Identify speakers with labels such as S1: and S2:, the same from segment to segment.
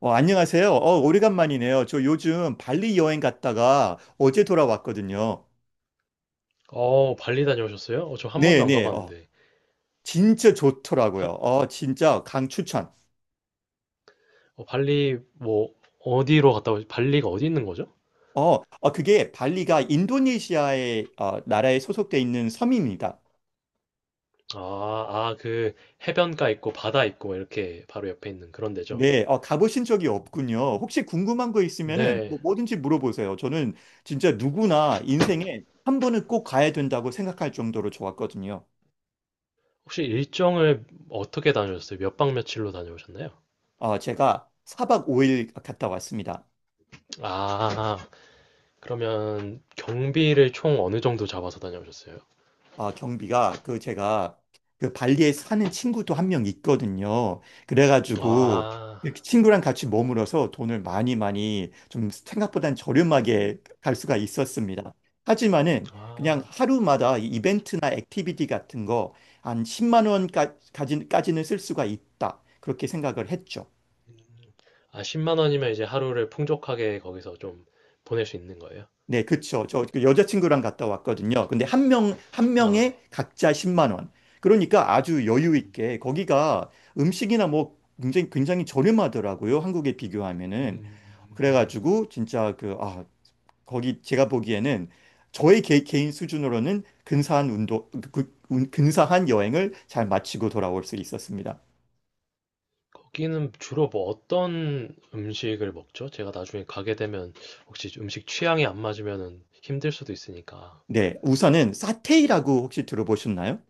S1: 안녕하세요. 오래간만이네요. 저 요즘 발리 여행 갔다가 어제 돌아왔거든요.
S2: 발리 다녀오셨어요? 저 한 번도 안
S1: 네네.
S2: 가봤는데.
S1: 진짜 좋더라고요.
S2: 발,
S1: 진짜 강추천.
S2: 발리, 뭐, 발리가 어디 있는 거죠?
S1: 어, 그게 발리가 인도네시아의 나라에 소속돼 있는 섬입니다.
S2: 아, 아, 해변가 있고, 바다 있고, 이렇게 바로 옆에 있는 그런 데죠?
S1: 네, 가보신 적이 없군요. 혹시 궁금한 거 있으면은 뭐
S2: 근데,
S1: 뭐든지 물어보세요. 저는 진짜 누구나 인생에 한 번은 꼭 가야 된다고 생각할 정도로 좋았거든요.
S2: 혹시 일정을 어떻게 다녀오셨어요? 몇 박 며칠로 다녀오셨나요?
S1: 제가 사박 5일 갔다 왔습니다.
S2: 아, 그러면 경비를 총 어느 정도 잡아서 다녀오셨어요?
S1: 아, 경비가 제가 그 발리에 사는 친구도 한 명 있거든요. 그래가지고
S2: 아,
S1: 그 친구랑 같이 머물어서 돈을 많이 좀 생각보단 저렴하게 갈 수가 있었습니다. 하지만은 그냥
S2: 아,
S1: 하루마다 이 이벤트나 액티비티 같은 거 한 10만 원까지는 쓸 수가 있다, 그렇게 생각을 했죠.
S2: 아, 10만 원이면 이제 하루를 풍족하게 거기서 좀 보낼 수 있는 거예요?
S1: 네, 그쵸. 저그 여자친구랑 갔다 왔거든요. 근데 한 명, 한
S2: 아, 네.
S1: 명에 각자 10만 원. 그러니까 아주 여유 있게 거기가 음식이나 뭐 굉장히 저렴하더라고요, 한국에 비교하면은. 그래가지고 진짜 거기 제가 보기에는 저의 개인 수준으로는 근사한 운동, 그- 운- 근사한 여행을 잘 마치고 돌아올 수 있었습니다.
S2: 거기는 주로 뭐 어떤 음식을 먹죠? 제가 나중에 가게 되면 혹시 음식 취향이 안 맞으면 힘들 수도 있으니까.
S1: 네, 우선은 사테이라고 혹시 들어보셨나요?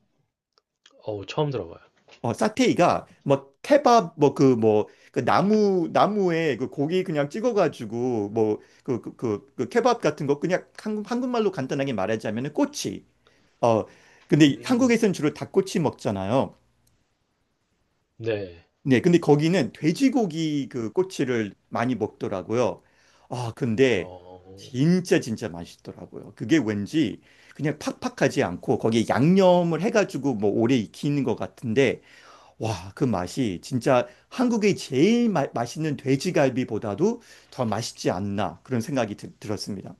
S2: 어우, 처음 들어봐요.
S1: 사테이가 뭐 케밥 나무에 고기 그냥 찍어가지고 케밥 같은 거. 그냥 한국말로 간단하게 말하자면은 꼬치. 어 근데
S2: 음,
S1: 한국에서는 주로 닭꼬치 먹잖아요.
S2: 네.
S1: 네, 근데 거기는 돼지고기 그 꼬치를 많이 먹더라고요. 아 근데
S2: 어,
S1: 진짜 맛있더라고요. 그게 왠지 그냥 팍팍하지 않고 거기에 양념을 해가지고 뭐 오래 익히는 것 같은데, 와, 그 맛이 진짜 한국의 맛있는 돼지갈비보다도 더 맛있지 않나 그런 들었습니다.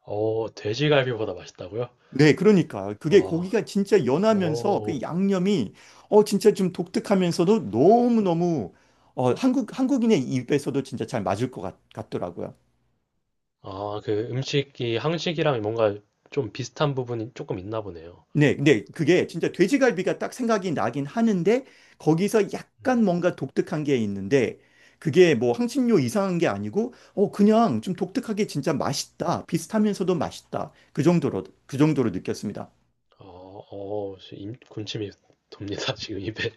S2: 돼지갈비보다 맛있다고요?
S1: 네, 그러니까 그게
S2: 어,
S1: 고기가 진짜 연하면서 그
S2: 어,
S1: 양념이 어 진짜 좀 독특하면서도 너무너무 어 한국인의 입에서도 진짜 잘 맞을 더라고요.
S2: 아, 그 음식이 한식이랑 뭔가 좀 비슷한 부분이 조금 있나 보네요.
S1: 네, 네, 그게 진짜 돼지갈비가 딱 생각이 나긴 하는데 거기서 약간
S2: 음,
S1: 뭔가 독특한 게 있는데, 그게 뭐 향신료 이상한 게 아니고 어 그냥 좀 독특하게 진짜 맛있다, 비슷하면서도 맛있다, 그 정도로 느꼈습니다.
S2: 어, 군침이 돕니다, 지금 입에.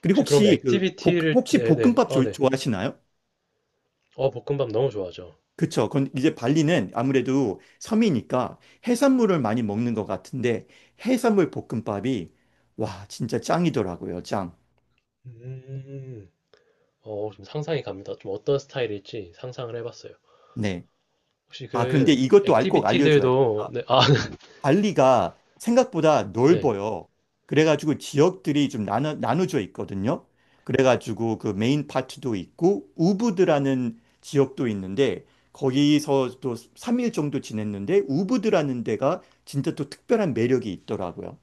S1: 그리고
S2: 혹시 그럼 액티비티를,
S1: 혹시
S2: 네네,
S1: 볶음밥
S2: 네.
S1: 좋아하시나요?
S2: 볶음밥 너무 좋아하죠.
S1: 그쵸. 건 이제 발리는 아무래도 섬이니까 해산물을 많이 먹는 것 같은데, 해산물 볶음밥이 와 진짜 짱이더라고요. 짱.
S2: 음, 좀 상상이 갑니다. 좀 어떤 스타일일지 상상을 해봤어요.
S1: 네.
S2: 혹시
S1: 아 그런데
S2: 그
S1: 이것도 알 꼭 알려줘야.
S2: 액티비티들도 네, 아,
S1: 발리가 생각보다
S2: 네.
S1: 넓어요. 그래가지고 지역들이 좀 나눠져 있거든요. 그래가지고 그 메인 파트도 있고 우부드라는 지역도 있는데, 거기서 또 3일 정도 지냈는데 우부드라는 데가 진짜 또 특별한 매력이 있더라고요.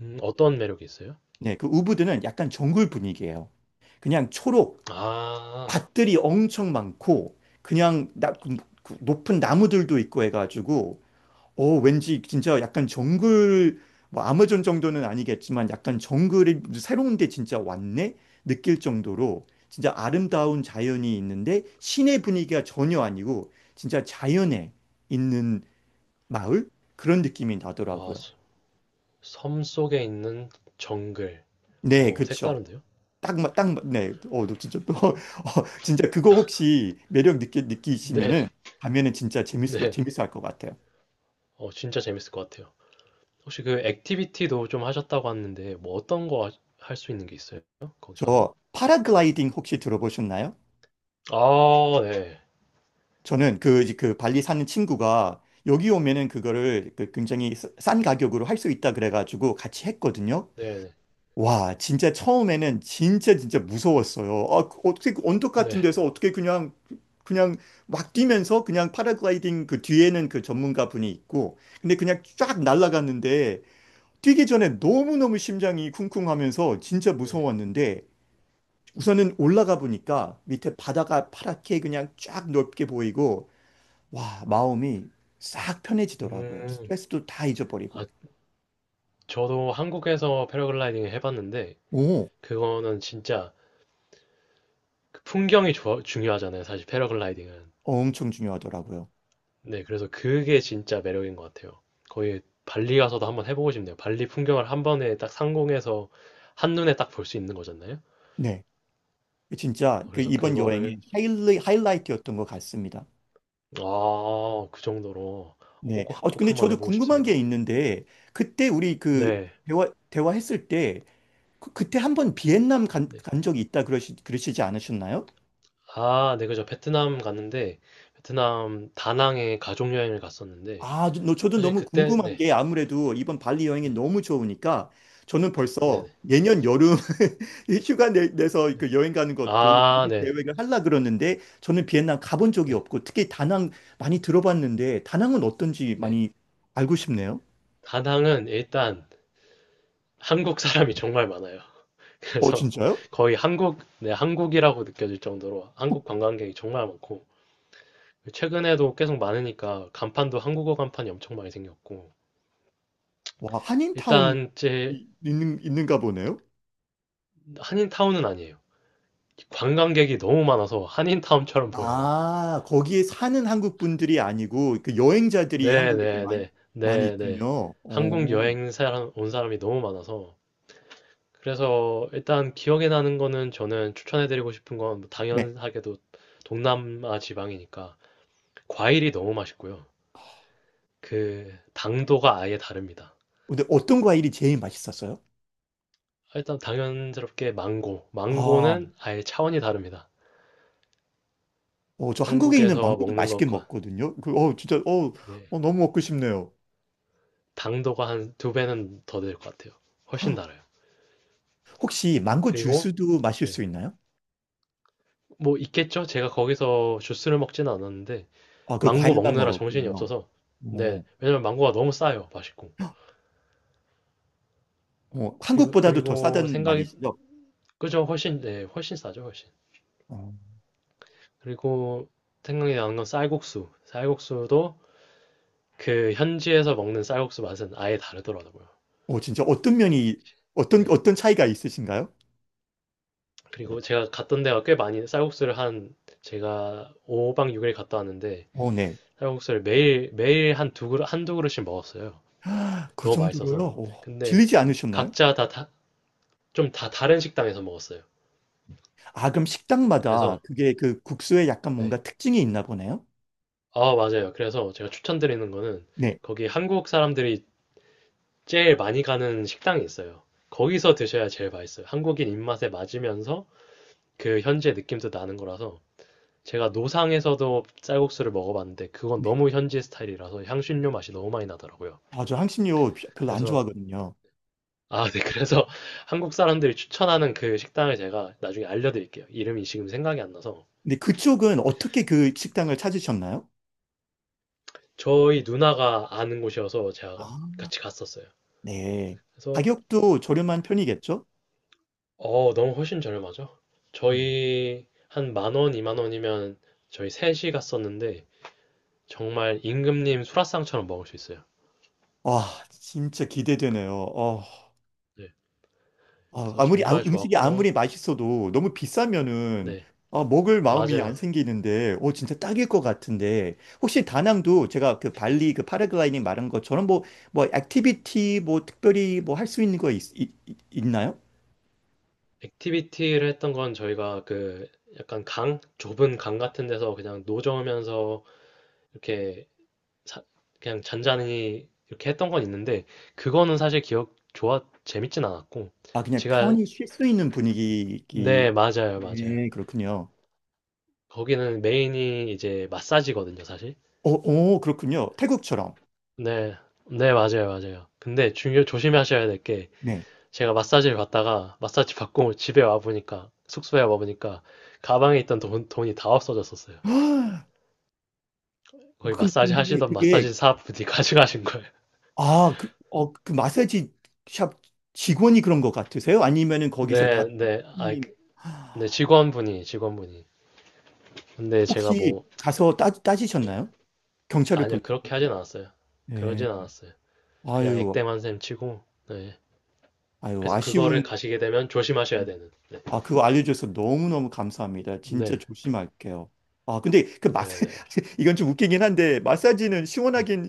S2: 어떤 매력이 있어요?
S1: 네, 그 우부드는 약간 정글 분위기예요. 그냥 초록,
S2: 아,
S1: 밭들이 엄청 많고 그 높은 나무들도 있고 해가지고, 오, 왠지 진짜 약간 정글, 뭐 아마존 정도는 아니겠지만 약간 정글이 새로운 데 진짜 왔네? 느낄 정도로 진짜 아름다운 자연이 있는데 시내 분위기가 전혀 아니고 진짜 자연에 있는 마을? 그런 느낌이
S2: 아,
S1: 나더라고요.
S2: 섬 속에 있는 정글.
S1: 네, 그쵸.
S2: 색다른데요?
S1: 네. 진짜 그거 혹시
S2: 네,
S1: 느끼시면은 가면은 진짜
S2: 네.
S1: 재밌어 할 것 같아요.
S2: 진짜 재밌을 것 같아요. 혹시 그 액티비티도 좀 하셨다고 하는데 뭐 어떤 거 할 수 있는 게 있어요? 거기 가면?
S1: 저 파라글라이딩 혹시 들어보셨나요?
S2: 아, 네.
S1: 저는 그 발리 사는 친구가 여기 오면은 그거를 그 굉장히 싼 가격으로 할 수 있다 그래가지고 같이 했거든요.
S2: 네, 네.
S1: 와, 진짜 처음에는 진짜 무서웠어요. 아, 그 어떻게 그 언덕
S2: 네.
S1: 같은 데서 어떻게 그냥 그냥 막 뛰면서 그냥 파라글라이딩, 그 뒤에는 그 전문가 분이 있고, 근데 그냥 쫙 날아갔는데, 뛰기 전에 너무너무 심장이 쿵쿵하면서 진짜
S2: 네.
S1: 무서웠는데, 우선은 올라가 보니까 밑에 바다가 파랗게 그냥 쫙 넓게 보이고 와, 마음이 싹 편해지더라고요.
S2: 음.
S1: 스트레스도 다 잊어버리고.
S2: 아, 저도 한국에서 패러글라이딩을 해봤는데
S1: 오,
S2: 그거는 진짜 그 풍경이 중요하잖아요. 사실 패러글라이딩은.
S1: 엄청 중요하더라고요.
S2: 네, 그래서 그게 진짜 매력인 것 같아요. 거의 발리 가서도 한번 해보고 싶네요. 발리 풍경을 한 번에 딱 상공에서 한눈에 딱 볼 수 있는 거잖아요.
S1: 네. 진짜
S2: 어,
S1: 그
S2: 그래서
S1: 이번
S2: 그거를
S1: 여행의 하이라이트였던 것 같습니다.
S2: 아, 그 정도로 꼭
S1: 네.
S2: 꼭 꼭
S1: 근데
S2: 한번
S1: 저도
S2: 해보고
S1: 궁금한 게
S2: 싶습니다.
S1: 있는데, 그때 우리 그
S2: 네.
S1: 대화했을 때 그때 한번 비엔남
S2: 네.
S1: 간 적이 있다 그러시지 않으셨나요?
S2: 아, 네, 그죠. 베트남 다낭에 가족 여행을 갔었는데
S1: 저도
S2: 사실
S1: 너무
S2: 그때
S1: 궁금한
S2: 네,
S1: 게, 아무래도 이번 발리 여행이
S2: 네,
S1: 너무 좋으니까 저는
S2: 네,
S1: 벌써
S2: 네,
S1: 내년 여름 이 내서
S2: 네.
S1: 그 여행 가는 것도
S2: 아,
S1: 미리
S2: 네,
S1: 계획을 하려 그러는데, 저는 비엔나 가본 적이
S2: 네,
S1: 없고 특히 다낭 많이 들어봤는데 다낭은 어떤지
S2: 네.
S1: 많이 알고 싶네요.
S2: 다낭은 일단 한국 사람이 정말 많아요.
S1: 어,
S2: 그래서
S1: 진짜요?
S2: 거의 한국, 네, 한국이라고 느껴질 정도로 한국 관광객이 정말 많고, 최근에도 계속 많으니까 간판도 한국어 간판이 엄청 많이 생겼고,
S1: 와, 한인타운이
S2: 일단 제,
S1: 있는가 보네요.
S2: 한인타운은 아니에요. 관광객이 너무 많아서 한인타운처럼 보여요.
S1: 아, 거기에 사는 한국 분들이 아니고 그 여행자들이 한국에서 많이,
S2: 네네네,
S1: 많이
S2: 네네.
S1: 있군요. 오.
S2: 온 사람이 너무 많아서. 그래서 일단 기억에 나는 거는 저는 추천해드리고 싶은 건
S1: 네.
S2: 당연하게도 동남아 지방이니까 과일이 너무 맛있고요. 그 당도가 아예 다릅니다.
S1: 근데 어떤 과일이 제일 맛있었어요?
S2: 일단 당연스럽게 망고.
S1: 아,
S2: 망고는 아예 차원이 다릅니다.
S1: 어, 저 한국에 있는
S2: 한국에서
S1: 망고도
S2: 먹는
S1: 맛있게
S2: 것과,
S1: 먹거든요.
S2: 네,
S1: 너무 먹고 싶네요.
S2: 당도가 한 두 배는 더 될 것 같아요. 훨씬 달아요.
S1: 혹시 망고
S2: 그리고,
S1: 주스도 마실 수
S2: 네,
S1: 있나요?
S2: 뭐 있겠죠? 제가 거기서 주스를 먹진 않았는데
S1: 아, 그
S2: 망고
S1: 과일만
S2: 먹느라 정신이
S1: 먹었군요.
S2: 없어서, 네,
S1: 어,
S2: 왜냐면 망고가 너무 싸요. 맛있고.
S1: 어,
S2: 그리고
S1: 한국보다도 더
S2: 그리고
S1: 싸다는
S2: 생각이,
S1: 말이시죠?
S2: 그죠? 훨씬, 네, 훨씬 싸죠, 훨씬.
S1: 어,
S2: 그리고 생각이 나는 건 쌀국수. 쌀국수도 그 현지에서 먹는 쌀국수 맛은 아예 다르더라고요.
S1: 진짜
S2: 네.
S1: 어떤 차이가 있으신가요?
S2: 그리고 제가 갔던 데가 꽤 많이 쌀국수를 한, 제가 5박 6일 갔다 왔는데
S1: 어, 네.
S2: 쌀국수를 매일 매일 한 두 그릇 한두 그릇씩 먹었어요.
S1: 그
S2: 너무
S1: 정도로요?
S2: 맛있어서.
S1: 어,
S2: 근데
S1: 질리지 않으셨나요?
S2: 각자 다 다 좀 다 다른 식당에서 먹었어요.
S1: 아, 그럼 식당마다
S2: 그래서
S1: 그게 그 국수에 약간
S2: 네.
S1: 뭔가 특징이 있나 보네요?
S2: 아, 맞아요. 그래서 제가 추천드리는 거는
S1: 네,
S2: 거기 한국 사람들이 제일 많이 가는 식당이 있어요. 거기서 드셔야 제일 맛있어요. 한국인 입맛에 맞으면서 그 현지의 느낌도 나는 거라서 제가 노상에서도 쌀국수를 먹어봤는데 그건
S1: 네.
S2: 너무 현지 스타일이라서 향신료 맛이 너무 많이 나더라고요.
S1: 아, 저 향신료 별로 안
S2: 그래서,
S1: 좋아하거든요.
S2: 아, 네. 그래서 한국 사람들이 추천하는 그 식당을 제가 나중에 알려드릴게요. 이름이 지금 생각이 안 나서
S1: 근데 그쪽은 어떻게 그 식당을 찾으셨나요?
S2: 저희 누나가 아는 곳이어서 제가
S1: 아,
S2: 같이 갔었어요.
S1: 네.
S2: 그래서
S1: 가격도 저렴한 편이겠죠?
S2: 너무 훨씬 저렴하죠?
S1: 음.
S2: 저희 한 만 원, 이만 원이면 저희 셋이 갔었는데 정말 임금님 수라상처럼 먹을 수 있어요.
S1: 와, 진짜 기대되네요.
S2: 네. 그래서 정말
S1: 음식이
S2: 좋았고
S1: 아무리 맛있어도 너무 비싸면은
S2: 네.
S1: 아, 먹을 마음이 안
S2: 맞아요.
S1: 생기는데, 어, 진짜 딱일 것 같은데, 혹시 다낭도 제가 그 발리 그 파라글라이딩 말한 것처럼 액티비티 뭐 특별히 뭐 할 수 있는 거 있, 있, 있- 있나요?
S2: 액티비티를 했던 건 저희가 그 약간 좁은 강 같은 데서 그냥 노저으면서 이렇게 사- 그냥 잔잔히 이렇게 했던 건 있는데 그거는 사실 기억 좋아 재밌진 않았고
S1: 아, 그냥
S2: 제가,
S1: 편히 쉴 수 있는
S2: 네,
S1: 분위기,
S2: 맞아요. 맞아요.
S1: 네, 그렇군요.
S2: 거기는 메인이 이제 마사지거든요, 사실.
S1: 어, 어, 그렇군요. 태국처럼.
S2: 네. 네, 맞아요. 맞아요. 근데 중요 조심하셔야 될 게
S1: 네.
S2: 제가 마사지를 받다가 마사지 받고 집에 와 보니까 숙소에 와 보니까 가방에 있던 돈이 다 없어졌었어요. 거기 마사지
S1: 근데
S2: 하시던
S1: 그게,
S2: 마사지 사분이 가져가신 거예요.
S1: 그 마사지 샵 직원이 그런 것 같으세요? 아니면은 거기서
S2: 네,
S1: 다른
S2: 네, 아,
S1: 손님,
S2: 네, 직원분이. 근데 제가
S1: 혹시
S2: 뭐,
S1: 가서
S2: 예,
S1: 따지셨나요? 경찰을
S2: 아니요, 그렇게
S1: 불렀는데?
S2: 하진 않았어요.
S1: 네.
S2: 그러진 않았어요. 그냥
S1: 아유,
S2: 액땜한 셈 치고, 네.
S1: 아유,
S2: 그래서
S1: 아쉬운,
S2: 그거를 가시게 되면 조심하셔야
S1: 음.
S2: 되는, 네.
S1: 아, 그거 알려줘서 너무너무 감사합니다. 진짜
S2: 네,
S1: 조심할게요. 아, 근데 그 마사,
S2: 네, 네,
S1: 이건 좀 웃기긴 한데, 마사지는
S2: 네,
S1: 시원하긴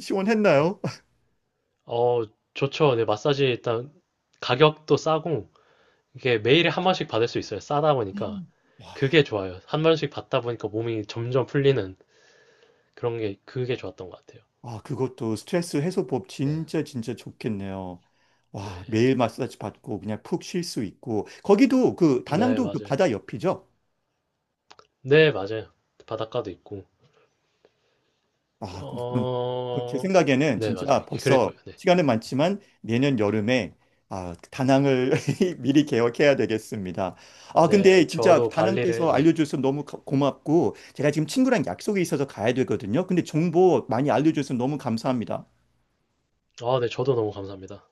S2: 네.
S1: 시원했나요?
S2: 어, 좋죠. 네, 마사지 일단 가격도 싸고, 이게 매일에 한 번씩 받을 수 있어요. 싸다 보니까. 그게 좋아요. 한 번씩 받다 보니까 몸이 점점 풀리는 그런 게, 그게 좋았던 것 같아요.
S1: 아, 그것도 스트레스 해소법
S2: 네.
S1: 진짜 좋겠네요. 와,
S2: 네.
S1: 매일 마사지 받고 그냥 푹 쉴 수 있고. 거기도 그
S2: 네
S1: 다낭도 그
S2: 맞아요.
S1: 바다 옆이죠?
S2: 네 맞아요. 바닷가도 있고.
S1: 아, 그럼, 그럼, 그럼 제
S2: 어
S1: 생각에는
S2: 네 맞아요.
S1: 진짜
S2: 그럴
S1: 벌써
S2: 거예요. 네.
S1: 시간은 많지만 내년 여름에 아, 다낭을 미리 계획해야 되겠습니다. 아,
S2: 네
S1: 근데 진짜
S2: 저도
S1: 다낭
S2: 발리를
S1: 돼서
S2: 네.
S1: 알려줘서 너무 고맙고, 제가 지금 친구랑 약속이 있어서 가야 되거든요. 근데 정보 많이 알려줘서 너무 감사합니다.
S2: 아 네 저도 너무 감사합니다.